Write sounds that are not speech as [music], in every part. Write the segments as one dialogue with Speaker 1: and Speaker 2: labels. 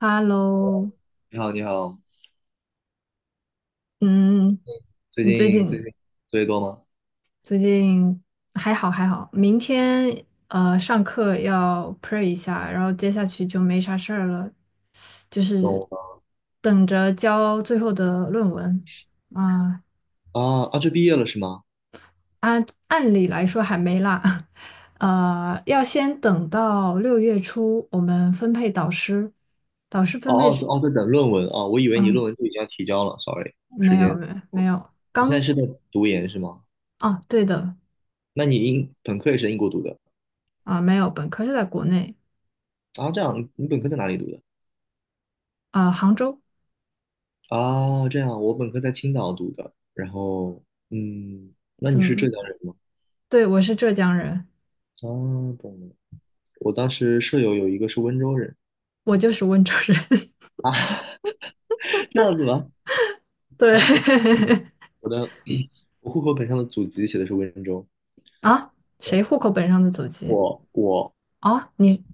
Speaker 1: Hello，
Speaker 2: 你好，你好，
Speaker 1: 嗯，
Speaker 2: 最
Speaker 1: 你最
Speaker 2: 近最
Speaker 1: 近
Speaker 2: 近作业多吗？
Speaker 1: 最近还好，明天上课要 pray 一下，然后接下去就没啥事儿了，就是
Speaker 2: 懂了
Speaker 1: 等着交最后的论文啊。
Speaker 2: 啊啊，这毕业了是吗？
Speaker 1: 按理来说还没啦，[laughs] 呃，要先等到六月初我们分配导师，导师
Speaker 2: 哦
Speaker 1: 分配是，
Speaker 2: 哦哦，在等论文啊，我以为你论
Speaker 1: 嗯，
Speaker 2: 文就已经要提交了，sorry，时
Speaker 1: 没有
Speaker 2: 间，
Speaker 1: 没有没有，
Speaker 2: 你现在
Speaker 1: 刚
Speaker 2: 是在读研是吗？
Speaker 1: 啊，对的。
Speaker 2: 那你英本科也是在英国读的
Speaker 1: 啊，没有，本科是在国内。
Speaker 2: 啊？这样，你本科在哪里读的？
Speaker 1: 啊，杭州。
Speaker 2: 啊，这样，我本科在青岛读的，然后嗯，那
Speaker 1: 怎
Speaker 2: 你是
Speaker 1: 么？
Speaker 2: 浙江人吗？
Speaker 1: 对，我是浙江人，
Speaker 2: 啊，懂了，我当时舍友有一个是温州人，
Speaker 1: 我就是温州人。[laughs]
Speaker 2: [laughs] 这样子吗？
Speaker 1: 对 [laughs]
Speaker 2: 我的我户口本上的祖籍写的是温州。
Speaker 1: 啊，谁户口本上的祖籍？
Speaker 2: 我
Speaker 1: 啊，你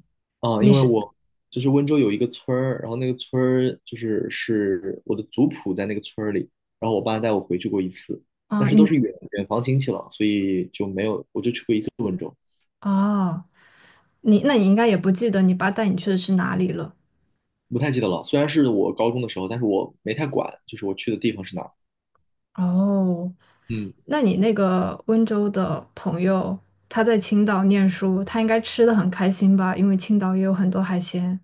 Speaker 2: 啊，
Speaker 1: 你
Speaker 2: 因为
Speaker 1: 是
Speaker 2: 我就是温州有一个村儿，然后那个村儿就是我的族谱在那个村儿里，然后我爸带我回去过一次，但
Speaker 1: 啊，
Speaker 2: 是都
Speaker 1: 你
Speaker 2: 是远远房亲戚了，所以就没有，我就去过一次温州，
Speaker 1: 啊，你那你应该也不记得你爸带你去的是哪里了。
Speaker 2: 不太记得了。虽然是我高中的时候，但是我没太管，就是我去的地方是哪儿。
Speaker 1: 哦，
Speaker 2: 嗯
Speaker 1: 那你那个温州的朋友，他在青岛念书，他应该吃的很开心吧？因为青岛也有很多海鲜。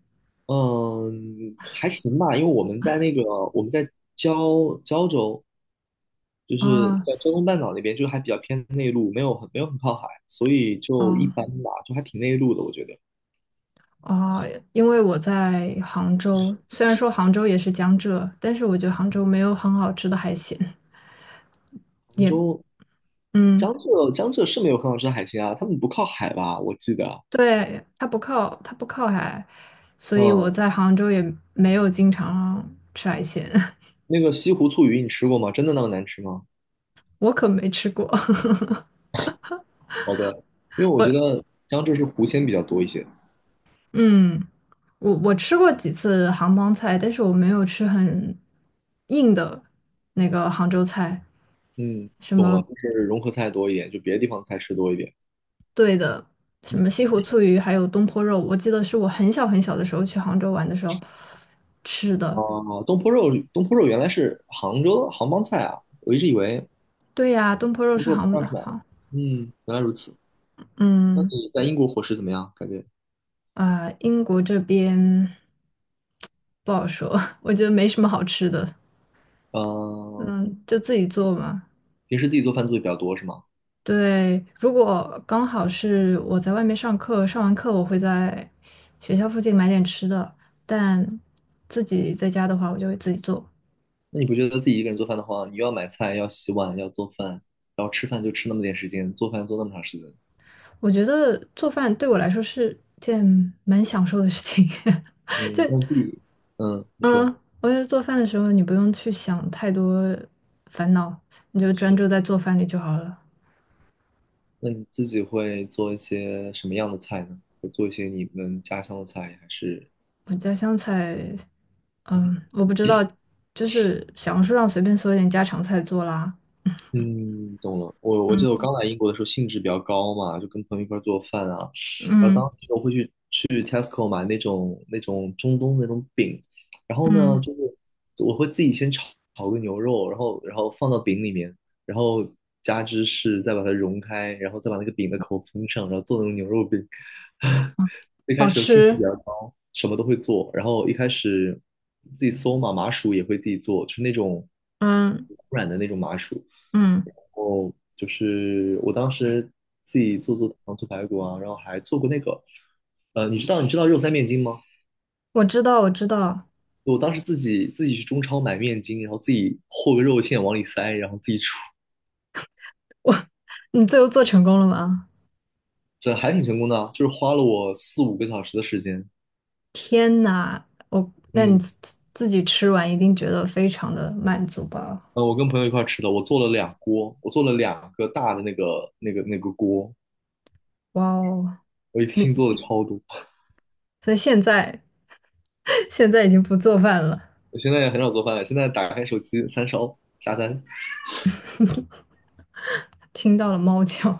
Speaker 2: 嗯，还行吧，因为我们在那个我们在胶州，就是
Speaker 1: 啊，
Speaker 2: 在胶东半岛那边，就还比较偏内陆，没有很靠海，所以就一
Speaker 1: 哦，
Speaker 2: 般吧，就还挺内陆的，我觉得。
Speaker 1: 啊，因为我在杭州，虽然说杭州也是江浙，但是我觉得杭州
Speaker 2: 嗯
Speaker 1: 没有很好吃的海鲜，也，嗯，
Speaker 2: 江浙是没有很好吃的海鲜啊，他们不靠海吧？我记得，
Speaker 1: 对，它不靠海，所以我
Speaker 2: 嗯，
Speaker 1: 在杭州也没有经常吃海鲜。
Speaker 2: 那个西湖醋鱼你吃过吗？真的那么难吃吗？
Speaker 1: [laughs] 我可没吃过。
Speaker 2: 好的，因为
Speaker 1: [laughs] 我，
Speaker 2: 我觉得江浙是湖鲜比较多一些。
Speaker 1: 嗯，我吃过几次杭帮菜，但是我没有吃很硬的那个杭州菜，
Speaker 2: 嗯，
Speaker 1: 什
Speaker 2: 懂了，
Speaker 1: 么
Speaker 2: 就是融合菜多一点，就别的地方菜吃多一点。
Speaker 1: 什么西湖醋鱼，还有东坡肉，我记得是我很小的时候去杭州玩的时候吃
Speaker 2: 啊，
Speaker 1: 的。
Speaker 2: 东坡肉，东坡肉原来是杭州杭帮菜啊，我一直以为
Speaker 1: 对呀，东坡肉
Speaker 2: 东
Speaker 1: 是
Speaker 2: 坡肉不知
Speaker 1: 杭
Speaker 2: 道
Speaker 1: 的，
Speaker 2: 是哪儿的
Speaker 1: 杭，
Speaker 2: 嗯，原来如此。那
Speaker 1: 嗯，
Speaker 2: 你在英国伙食怎么样？感觉，
Speaker 1: 啊、英国这边不好说。[laughs] 我觉得没什么好吃的，
Speaker 2: 嗯、
Speaker 1: 嗯，就自己做嘛。
Speaker 2: 平时自己做饭做的比较多是吗？
Speaker 1: 对，如果刚好是我在外面上课，上完课我会在学校附近买点吃的，但自己在家的话，我就会自己做。
Speaker 2: 那你不觉得自己一个人做饭的话，你又要买菜，要洗碗，要做饭，然后吃饭就吃那么点时间，做饭做那么长时间，
Speaker 1: 我觉得做饭对我来说是件蛮享受的事情。[laughs] 就
Speaker 2: 嗯，那自己，嗯，你
Speaker 1: 嗯，
Speaker 2: 说，
Speaker 1: 我觉得做饭的时候你不用去想太多烦恼，你就专
Speaker 2: 是，
Speaker 1: 注在做饭里就好了。
Speaker 2: 那你自己会做一些什么样的菜呢？会做一些你们家乡的菜，还是？
Speaker 1: 我家乡菜，嗯，我不知道，就是小红书上随便搜一点家常菜做啦。
Speaker 2: 嗯，懂了。我记得我刚来英国的时候兴致比较高嘛，就跟朋友一块儿做饭啊，然后
Speaker 1: 嗯，
Speaker 2: 当时我会去 Tesco 买那种中东那种饼，然后呢，
Speaker 1: 嗯，
Speaker 2: 就是我会自己先炒炒个牛肉，然后放到饼里面，然后加芝士，再把它融开，然后再把那个饼的口封上，然后做那种牛肉饼。[laughs] 一开
Speaker 1: 好
Speaker 2: 始兴致比
Speaker 1: 吃。
Speaker 2: 较高，什么都会做，然后一开始自己搜嘛，麻薯也会自己做，就是那种
Speaker 1: 嗯，
Speaker 2: 软的那种麻薯。
Speaker 1: 嗯，
Speaker 2: 后就是我当时自己做做糖醋排骨啊，然后还做过那个，你知道肉塞面筋吗？
Speaker 1: 我知道，
Speaker 2: 我当时自己去中超买面筋，然后自己和个肉馅往里塞，然后自己煮，
Speaker 1: 我 [laughs] 你最后做成功了吗？
Speaker 2: 这还挺成功的啊，就是花了我4、5个小时的时间。
Speaker 1: 天呐，那你
Speaker 2: 嗯，
Speaker 1: 自自己吃完一定觉得非常的满足吧？
Speaker 2: 我跟朋友一块儿吃的，我做了两锅，我做了两个大的那个锅，
Speaker 1: 哇哦，
Speaker 2: 我一次
Speaker 1: 你
Speaker 2: 性做了超多。
Speaker 1: 所以现在 [laughs] 现在已经不做饭了。
Speaker 2: [laughs] 我现在也很少做饭了，现在打开手机三烧下单，
Speaker 1: 听到了猫叫，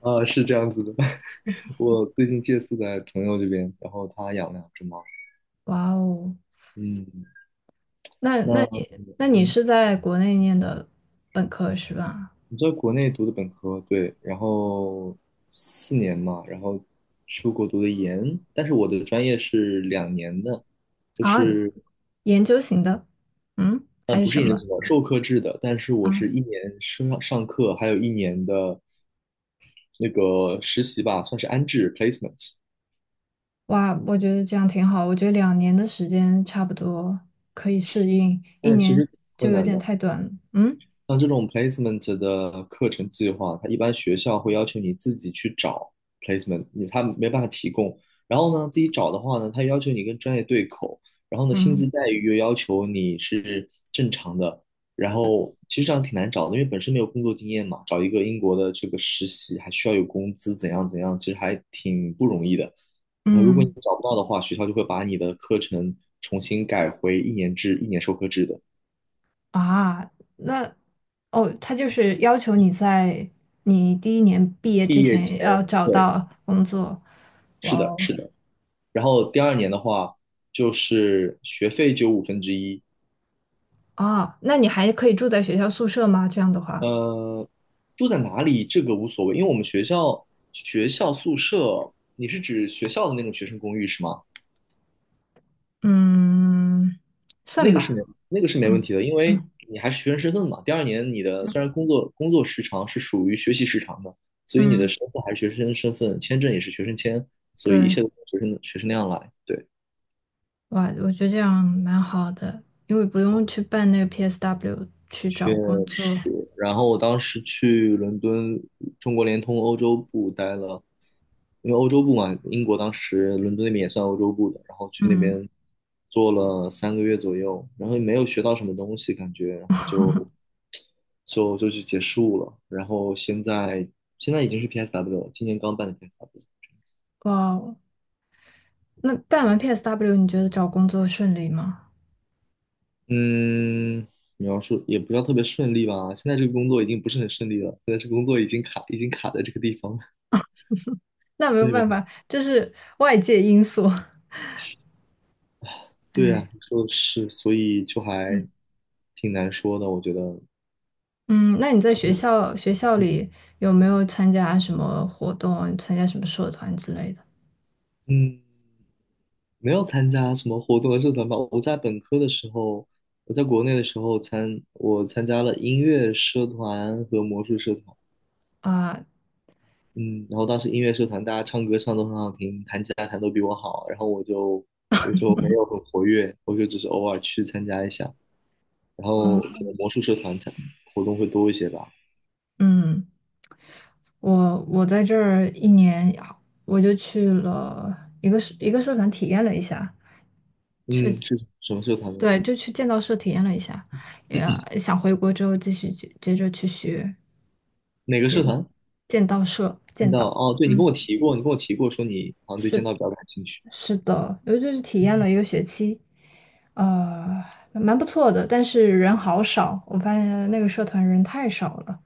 Speaker 2: 啊、是这样子的。我最近借宿在朋友这边，然后他养了两只猫。
Speaker 1: 哇哦！
Speaker 2: 嗯，
Speaker 1: 那
Speaker 2: 那
Speaker 1: 那你那你
Speaker 2: 嗯，
Speaker 1: 是在国内念的本科是吧？
Speaker 2: 你在国内读的本科，对，然后四年嘛，然后出国读的研，但是我的专业是两年的，就
Speaker 1: 啊，
Speaker 2: 是
Speaker 1: 研究型的，嗯，还
Speaker 2: 嗯，
Speaker 1: 是
Speaker 2: 不是
Speaker 1: 什
Speaker 2: 研究
Speaker 1: 么？
Speaker 2: 生，授课制的，但是我
Speaker 1: 啊？
Speaker 2: 是一年上课，还有一年的那个实习吧，算是安置 placement，
Speaker 1: 哇，我觉得这样挺好。我觉得两年的时间差不多可以适应，一
Speaker 2: 但是其
Speaker 1: 年
Speaker 2: 实挺
Speaker 1: 就
Speaker 2: 困
Speaker 1: 有
Speaker 2: 难
Speaker 1: 点
Speaker 2: 的。
Speaker 1: 太短了。嗯，
Speaker 2: 像这种 placement 的课程计划，它一般学校会要求你自己去找 placement，你他没办法提供。然后呢，自己找的话呢，他要求你跟专业对口，然后呢，薪资
Speaker 1: 嗯，
Speaker 2: 待遇又要求你是正常的。然后其实这样挺难找的，因为本身没有工作经验嘛，找一个英国的这个实习还需要有工资，怎样怎样，其实还挺不容易的。然后如果你
Speaker 1: 嗯，
Speaker 2: 找不到的话，学校就会把你的课程重新改回一年制、一年授课制的。
Speaker 1: 啊，那哦，他就是要求你在你第一年毕业之
Speaker 2: 毕业前，
Speaker 1: 前要找
Speaker 2: 对，
Speaker 1: 到工作。
Speaker 2: 是
Speaker 1: 哇
Speaker 2: 的，
Speaker 1: 哦！
Speaker 2: 是的。然后第二年的话，就是学费只有1/5。
Speaker 1: 哦，那你还可以住在学校宿舍吗？这样的话，
Speaker 2: 呃，住在哪里这个无所谓，因为我们学校学校宿舍，你是指学校的那种学生公寓是吗？
Speaker 1: 嗯，算
Speaker 2: 那个是
Speaker 1: 吧，
Speaker 2: 没那个是没问
Speaker 1: 嗯，
Speaker 2: 题的，因为
Speaker 1: 嗯，
Speaker 2: 你还是学生身份嘛。第二年你的虽然工作时长是属于学习时长的，所以你的
Speaker 1: 嗯，
Speaker 2: 身份还是学生身份，签证也是学生签，所以一
Speaker 1: 对，
Speaker 2: 切都是学生那样来。对，
Speaker 1: 哇，我觉得这样蛮好的，因为不用去办那个 PSW 去找工作。
Speaker 2: 是，然后我当时去伦敦中国联通欧洲部待了，因为欧洲部嘛，英国当时伦敦那边也算欧洲部的，然后去那
Speaker 1: 嗯，
Speaker 2: 边做了3个月左右，然后也没有学到什么东西感觉，然后就就去结束了，然后现在已经是 PSW 了，今年刚办的 PSW。
Speaker 1: 哇哦，那办完 PSW，你觉得找工作顺利吗？
Speaker 2: 嗯，你要说也不要特别顺利吧，现在这个工作已经不是很顺利了，现在这个工作已经卡在这个地方了，
Speaker 1: 那没有
Speaker 2: 对吧？
Speaker 1: 办法，这是外界因素。[laughs]
Speaker 2: 对呀，
Speaker 1: 哎，
Speaker 2: 你说的是，所以就
Speaker 1: 嗯，
Speaker 2: 还挺难说的，我觉得，
Speaker 1: 嗯，那你在学校
Speaker 2: 嗯，
Speaker 1: 里有没有参加什么活动，参加什么社团之类的？
Speaker 2: 嗯没有参加什么活动和社团吧。我在本科的时候，我在国内的时候参，我参加了音乐社团和魔术社团，
Speaker 1: 啊？
Speaker 2: 嗯，然后当时音乐社团大家唱歌唱都很好听，弹吉他弹都比我好，然后我就没有很活跃，我就只是偶尔去参加一下，然后可
Speaker 1: 嗯。
Speaker 2: 能魔术社团参活动会多一些吧。
Speaker 1: 嗯，我我在这儿一年，我就去了一个社团体验了一下，
Speaker 2: 嗯，是什么社团呢？
Speaker 1: 对，就去剑道社体验了一下，也想回国之后继续去接着去学
Speaker 2: 哪个社团？
Speaker 1: 剑道社
Speaker 2: 看
Speaker 1: 剑
Speaker 2: 到
Speaker 1: 道。
Speaker 2: 哦，对，
Speaker 1: 嗯，
Speaker 2: 你跟我提过说你好像对剑道比较感兴趣。
Speaker 1: 是的，尤其是体验了一个学期，呃，蛮不错的，但是人好少，我发现那个社团人太少了。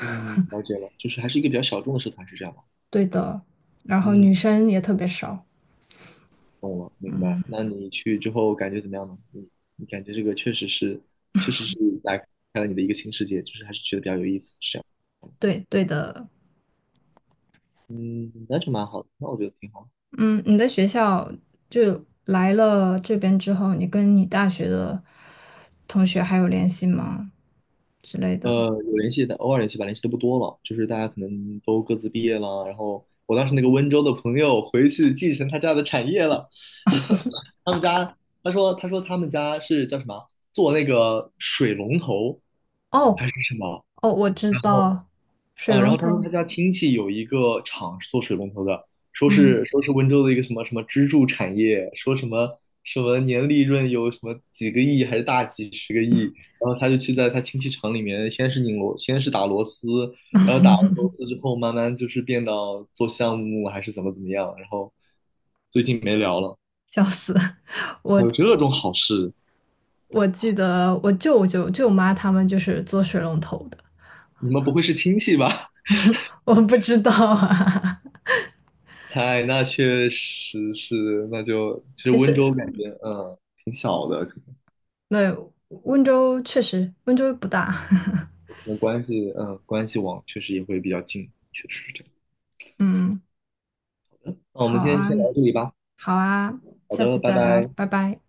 Speaker 2: 嗯，了解了，就是还是一个比较小众的社团，是这样吗？
Speaker 1: 对的，然后
Speaker 2: 嗯，
Speaker 1: 女生也特别少。
Speaker 2: 懂了，明白。那你去之后感觉怎么样呢？你感觉这个确实是打开了你的一个新世界，就是还是觉得比较有意思，是这样。
Speaker 1: 对，对的，
Speaker 2: 嗯，那就蛮好的，那我觉得挺好。
Speaker 1: 嗯，你的学校就来了这边之后，你跟你大学的同学还有联系吗？之类
Speaker 2: 呃，
Speaker 1: 的。
Speaker 2: 有联系的，偶尔联系吧，联系的不多了。就是大家可能都各自毕业了，然后我当时那个温州的朋友回去继承他家的产业了，[laughs] 他们家，他说，他说他们家是叫什么，做那个水龙头还
Speaker 1: 哦，
Speaker 2: 是什么？
Speaker 1: 哦，我知
Speaker 2: 然后。
Speaker 1: 道，水
Speaker 2: 啊，然
Speaker 1: 龙
Speaker 2: 后他说
Speaker 1: 头。
Speaker 2: 他家亲戚有一个厂是做水龙头的，说是
Speaker 1: 嗯，
Speaker 2: 说是温州的一个什么什么支柱产业，说什么什么年利润有什么几个亿还是大几十个亿，然后他就去在他亲戚厂里面，先是拧螺，先是打螺丝，然后打完螺丝之后，慢慢就是变到做项目还是怎么怎么样，然后最近没聊了，
Speaker 1: 笑死！[laughs]
Speaker 2: 还
Speaker 1: 我
Speaker 2: 有这种好事，
Speaker 1: 我记得我舅舅舅妈他们就是做水龙头的，
Speaker 2: 你们不会是亲戚吧？
Speaker 1: 我不知道啊。
Speaker 2: [laughs] 嗨，哎那确实是，那就
Speaker 1: [laughs]
Speaker 2: 其实
Speaker 1: 其
Speaker 2: 温
Speaker 1: 实，
Speaker 2: 州感觉，嗯。
Speaker 1: 对，温州确实不大。
Speaker 2: 可能关系，嗯，关系网确实也会比较近，确实是这样。
Speaker 1: [laughs] 嗯，
Speaker 2: 那我
Speaker 1: 好
Speaker 2: 们今天就
Speaker 1: 啊，
Speaker 2: 先聊到这里吧。
Speaker 1: 好啊，
Speaker 2: 好
Speaker 1: 下
Speaker 2: 的，
Speaker 1: 次
Speaker 2: 拜
Speaker 1: 再聊，
Speaker 2: 拜。
Speaker 1: 拜拜。